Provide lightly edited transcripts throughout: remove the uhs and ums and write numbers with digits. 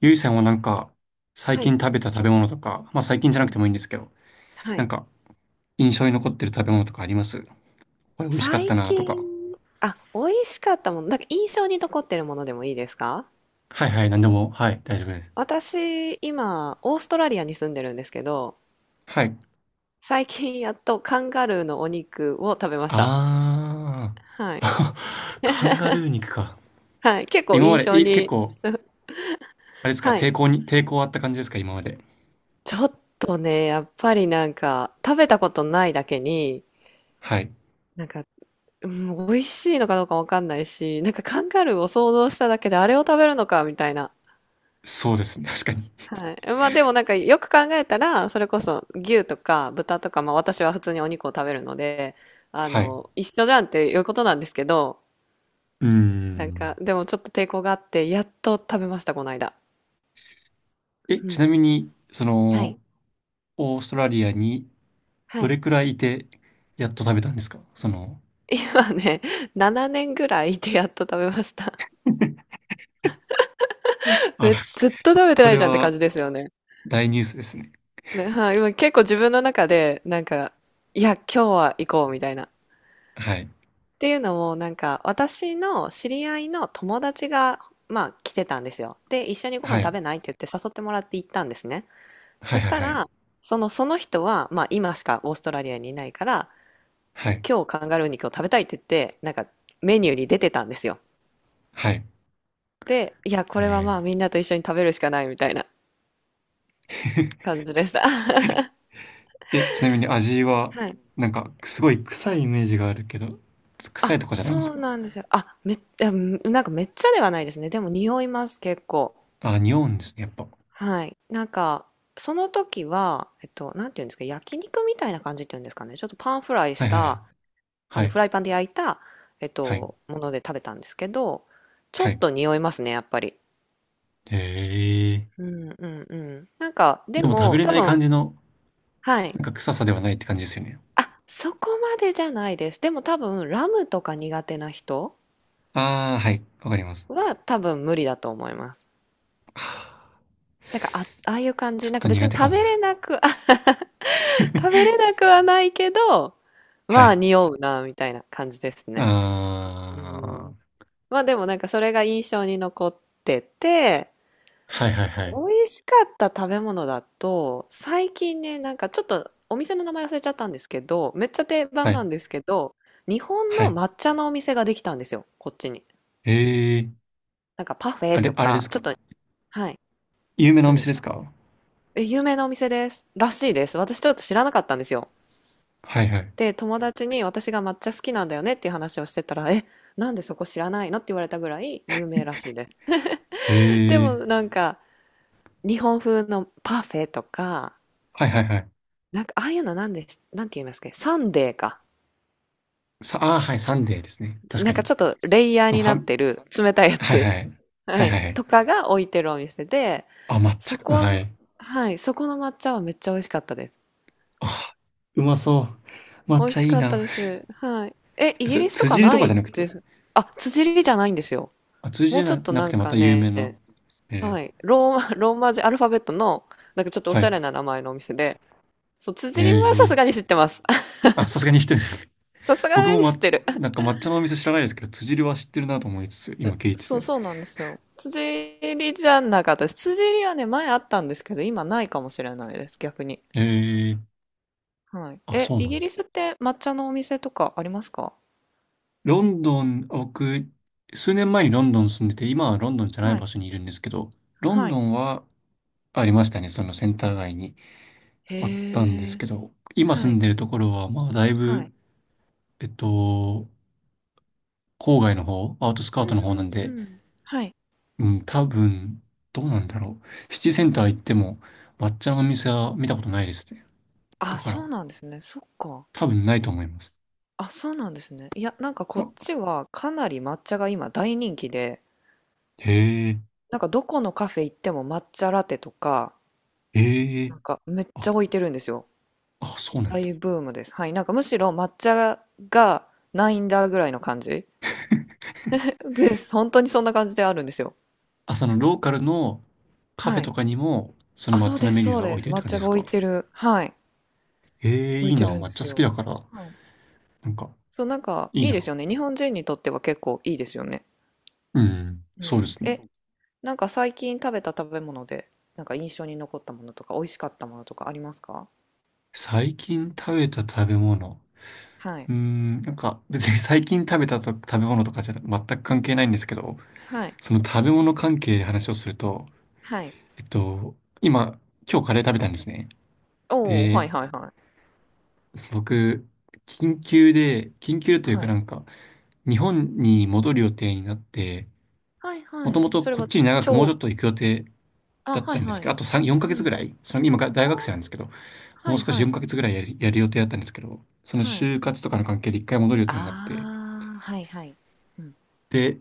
ゆいさんはなんか、最はい。近食べた食べ物とか、まあ最近じゃうなんくうてもいいんでん。すけど、はなんい。か、印象に残ってる食べ物とかあります？これ美味しかった最なと近か。あ、美味しかったもの、なんか印象に残ってるものでもいいですか？はいはい、なんでも、はい、大丈夫です。私、今オーストラリアに住んでるんですけど、はい。最近やっとカンガルーのお肉を食べました。あー。はい。カンガルー肉か。はい、結構今ま印で、象結に。構、あれですか、はい。抵抗あった感じですか、今まで？ちょっとね、やっぱりなんか、食べたことないだけに、はい。なんか、うん、美味しいのかどうかわかんないし、なんかカンガルーを想像しただけであれを食べるのかみたいな。そうですね、確かに。はい。まあでもなんかよく考えたら、それこそ牛とか豚とか、まあ私は普通にお肉を食べるので、あはい。の、一緒じゃんっていうことなんですけど、うーなんん。か、でもちょっと抵抗があって、やっと食べました、この間。うちなみん。に、はい。オーストラリアにはどい。れくらいいて、やっと食べたんですか今ね、7年ぐらいいてやっと食べました。あえ、ら、ずっと食べてそなれいじゃんって感はじですよね。大ニュースですね。ね、はい。今結構自分の中で、なんか、いや、今日は行こうみたいな。はい。っていうのも、なんか、私の知り合いの友達が、まあ、来てたんですよ。で、一緒にご飯は食い。べないって言って誘ってもらって行ったんですね。はそいしはいたはい。ら、その人は、まあ、今しかオーストラリアにいないから、はい。今日カンガルー肉を食べたいって言って、なんか、メニューに出てたんですよ。はい。で、いや、これはえまあ、みんなと一緒に食べるしかないみたいなー 感じでした。ちなみに味は、はい。なんか、すごい臭いイメージがあるけど、臭いとあ、かじゃないんですそうか？なんですよ。あ、めっ、うんなんかめっちゃではないですね。でも匂います、結構。あ、匂うんですね、やっぱ。ははい。なんか、その時は、なんていうんですか、焼肉みたいな感じっていうんですかね。ちょっとパンフライいしはいはい。た、あはの、フい。ライパンで焼いた、はい。もので食べたんですけど、ちょはっい。と匂いますね、やっぱり。へえ。うんうんうん。なんか、ででも食べも、れ多ない感分、じの、はい。なんか臭さではないって感じですよね。あ、そこまでじゃないです。でも多分、ラムとか苦手な人ああ、はい。わかります。は多分無理だと思います。はあ、なんか、あ、ああいう感ちょじ、っなんとか別苦に手か食もべれな。なく、食べれな くはないけど、はまあい。匂うなみたいな感じですね。うあん。あ。まあでもなんかそれが印象に残ってて、はいはいはい。美味しかった食べ物だと、最近ね、なんかちょっとお店の名前忘れちゃったんですけど、めっちゃ定は番ない。んですけど、日本はのい。抹茶のお店ができたんですよ、こっちに。ええ。なんかパフェとあれでか、すちょっか？と、はい、有名なお何で店すでか。すか？え、有名なお店です。らしいです。私ちょっと知らなかったんですよ。はいはい。で、友達に私が抹茶好きなんだよねっていう話をしてたら、え、なんでそこ知らないのって言われたぐらい有名らしいです。へ でもえ。なんか、日本風のパフェとか、はいはいはい。なんかああいうのなんで、なんて言いますか、サンデーか。ああ、はい、サンデーですね。確なかんかに。ちょっとレイヤーフにァなっン、てる冷たいやはいつ、はい。ははいはい、いはとい。かが置いてるお店で、あ、抹そ茶か、はこ、い。はい、そこの抹茶はめっちゃ美味しかったです。あ、うまそう。抹美茶味しいいかったな。です。はい。え、イえ、そギれ、リスと辻か入りとなかじいゃなくて？です。あ、辻利じゃないんですよ。あ、辻も入りうじちょっゃとなくなんてまかた有名な。ね、えはい。ローマ、ローマ字アルファベットの、なんかちょっとおはしゃい。れな名前のお店で、そう、え辻りはさすえ。がに知ってます。あ、さすがに知ってるんですね。さす 僕がもに知ってる。なん か抹茶のお店知らないですけど、辻入りは知ってるなと思いつつ、今聞いてそう、て。そうなんですよ。辻りじゃなかったです。辻りはね、前あったんですけど、今ないかもしれないです、逆に。ええ。はい。あ、え、そうイなギんリだ。スって抹茶のお店とかありますか？ロンドン、僕、数年前にロンドン住んでて、今はロンドンじゃないは場い。所にいるんですけど、ロンはドい。ンはありましたね、そのセンター街にあったんでへすえ。けど、今は住んい。でるところは、まあ、だいはぶ、い。えっと、郊外の方、アウトスカうートの方なんんうで、んうん。はい。うん、多分、どうなんだろう。シティセンター行っても、抹茶のお店は見たことないですね。だあ、かそら、うなんですね。そっか。多分ないと思います。あ、そうなんですね。いや、なんかこっあ、ちはかなり抹茶が今大人気で、へえ、なんかどこのカフェ行っても抹茶ラテとか、へえ、なんかめっちあ、ゃ置いてるんですよ。あ、そうなんだ。大ブームです。はい。なんかむしろ抹茶がないんだぐらいの感じです。本当にそんな感じであるんですよ。あ、そのローカルのカフェはとい。かにも、そのあ、抹そう茶でのメす、ニューそうがで置いす。てるって抹感じ茶でがす置いか？てる。はい。ええー、い置いいてな。るん抹で茶す好きよ。だから、はい。なんか、そう、なんかいいいいでな。すよね。日本人にとっては結構いいですよね。うん、うそうでん。すえ、ね。なんか最近食べた食べ物で、なんか印象に残ったものとか、美味しかったものとかありますか？最近食べた食べ物。はい。うーん、なんか、別に 最近食べた食べ物とかじゃ全く関係ないんですけど、はい。その食べ物関係で話をすると、はい。えっと、今、今日カレー食べたんですね。おお、はで、いはいはい。僕、緊急というはかない。んか、日本に戻る予定になって、はいもはとい。もとそれこっはちに長くもうちょ超。っと行く予定あ、だっはたいんですはけど、い。あと3、4ヶ月うぐん。らい、その今が大あ、学生なんですけど、もはうい少しは4い。ヶ月ぐらいやる予定だったんですけど、そのはい。就活とかの関係で一回戻る予定になって、ああ、はいはい。うん。で、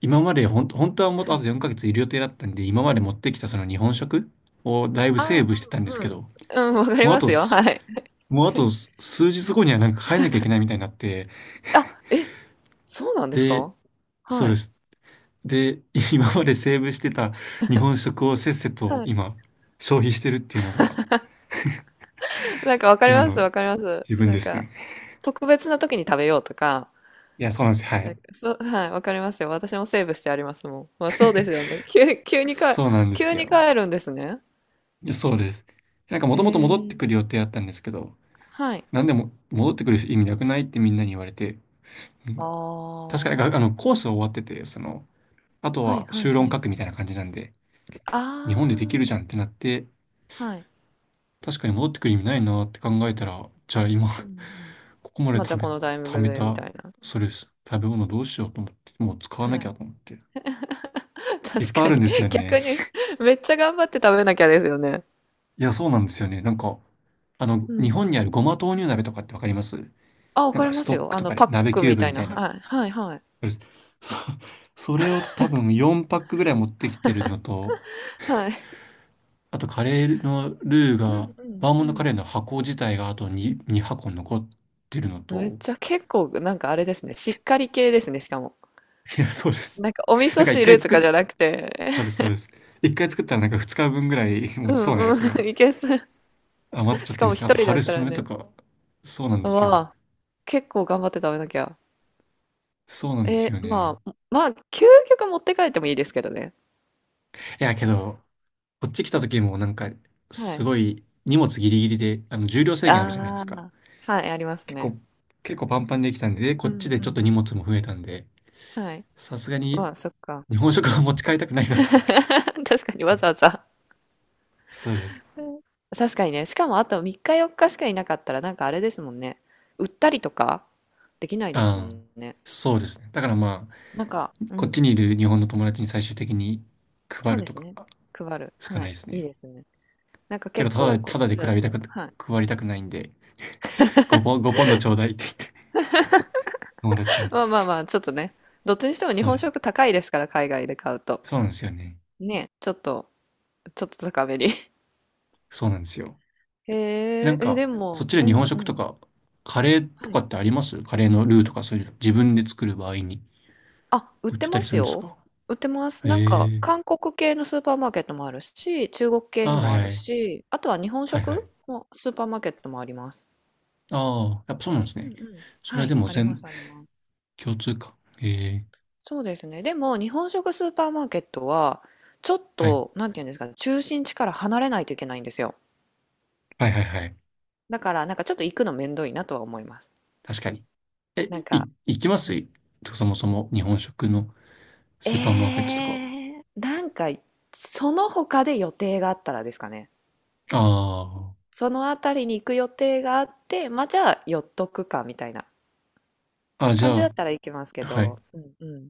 今まで本当はもっとはあとい。4ヶ月いる予定だったんで、今まで持ってきたその日本食をだいぶあセーあ、ブしてたんですうんけうん。ど、うん、わかりもうあまとすよ。はす、い。もうあと す数日後にはなんか帰んなきゃいけないみたいになって、あ、え、そうなんですで、か？そうはでい。す。で、今までセーブしてた日本食をせっせとはい。今、消費してるっていうのが、なんかわかり今ます、のわかります。自分なでんすか、ね。特別な時に食べようとか、いや、そうなんです。はなんい。か、そう、はい、わかりますよ。私もセーブしてありますもん。まあそうですよね。急にか、そうなんで急すによ。帰るんですね。いやそうです。なんかもへともと戻ってくえ。る予定だったんですけど、はい。なんでも戻ってくる意味なくないってみんなに言われて、うん、あ確かにあのあ。コースは終わってて、あとはいはは修いは論い。書くみたいな感じなんで、日本でできあるじゃんってなって、あ、はい。確かに戻ってくる意味ないなって考えたら、じゃあ今 うんうん。ここままあでじゃあこのタイミン貯グめでみた、たいな。それです。食べ物どうしようと思って、もう使わはなきい。ゃと思って。いっぱ確いあかるんに。ですよね。逆に、めっちゃ頑張って食べなきゃですよね。いや、そうなんですよね。なんか、う日ん本うにあるん。ごま豆乳鍋とかってわかります？あ、わなんかりかスますトッよ。クあとの、かでパッ鍋クキューみブたいみな。たいな。うはい。はいはい。るすそれ、そそれを多分4パックぐらい持ってきてるのと、はい。あとカレーのルーうが、んうんバーうモントカん。レーの箱自体があと2、2箱残ってるのめっと、ちゃ結構なんかあれですね。しっかり系ですね、しかも。いや、そうです。なんかお味な噌んか1汁回と作っ、かじゃなくて。そうです、そうです。1回作ったらなんか2日分ぐらい う持ちそうなんやうつがん。いけそ。余っちゃっしてかるんもです一よ。あと人だっ春たら雨とね。か、そうなんですよ。わあ、結構頑張って食べなきゃ。そうなんでえすー、よね。まあ、まあ、究極持って帰ってもいいですけどね。いや、けど、こっち来た時もなんか、はすい。ごい荷物ギリギリで、重量制限あるじゃないであすか？あ、はい、あります結ね。構、結構パンパンにできたんで、でこうっちんでうちょっとん。荷物も増えたんで、はい。さすがまにあ、そっか。日本食は持ち帰りたくないなと思って。確かにわざわざ。そうです。うん。確かにね、しかもあと3日4日しかいなかったらなんかあれですもんね。売ったりとかできないですもああ、んね。そうですね。だからまあ、なんか、うこっん、ちにいる日本の友達に最終的にそ配うるでとすかね。配る。しかはないい、ですいいね。ですね。なんかけど、結構こたっだでち比だと、べたく、はい。配りたくないんで、5ポン、5ポンドちょうだいって言って、友達 に。まあまあまあ、ちょっとね、どっちにしても日そうで本す。食高いですから、海外で買うと。そうなんですよね。ね、ちょっと高めに。そうなんですよ。へなえ、んえ、か、でそっも、ちでう日本んう食とん。か、カレーとはかい。ってあります？カレーのルーとかそういうの、自分で作る場合にあ、売っ売っててたまりすするんですよ。か？売ってます。なんか、へえ。韓国系のスーパーマーケットもあるし、中国系あにあ、はもいあはるい。し、あとは日本はいは食い。のスーパーマーケットもあります。ああ、やっぱそうなんですうね。んうん。それははでい、もあります、あります。共通か。へえ。そうですね。でも、日本食スーパーマーケットは、ちょっはい。と、なんていうんですかね、中心地から離れないといけないんですよ。はいはいはい。だから、なんかちょっと行くのめんどいなとは思います。確かに。なんか、行きます？そもそも日本食のえスーパーマーケットとか？え、なんか、その他で予定があったらですかね。あその辺りに行く予定があって、まあ、じゃあ寄っとくかみたいなあ。あ、じ感ゃじだっあ、たら行きますけはど、い。うんうん。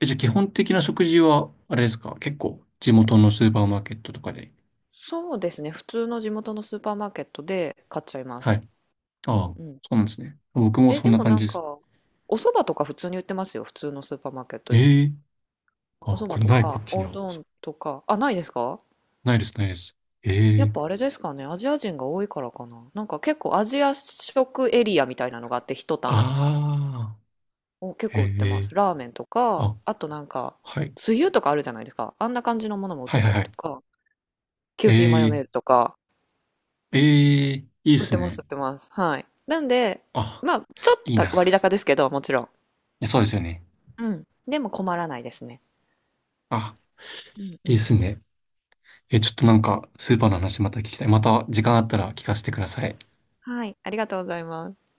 じゃあ基本的な食事は、あれですか、結構、地元のスーパーマーケットとかで。そうですね、普通の地元のスーパーマーケットで買っちゃいまはす。い。うあんあ、うん。そうなんですね。僕もえ、そんでなも感なじんですね。か、お蕎麦とか普通に売ってますよ、普通のスーパーマーケットで。ええ、おあ、蕎こ麦れとない、こか、っちにおあうる。どんとか、あ、ないですか？ないです、ないです。えやっえ、ぱあれですかね、アジア人が多いからかな。なんか結構アジア食エリアみたいなのがあって、一棚。ああ、お、結え構売ってまえ、す。ラーメンとか、あ、あとなんか、はい。つゆとかあるじゃないですか。あんな感じのものも売っはていはいたはりとい。か、キューピーマヨえネーズえとか、ええ、いいっ売っすてます、ね。売ってます。はい。なんで、あ、まあ、ちょっといいな。たい割高ですけど、もちろん。や、そうですよね。うん。でも困らないですね。あ、うんういいっん。すね。ちょっとなんか、スーパーの話また聞きたい。また時間あったら聞かせてください。はい。ありがとうございます。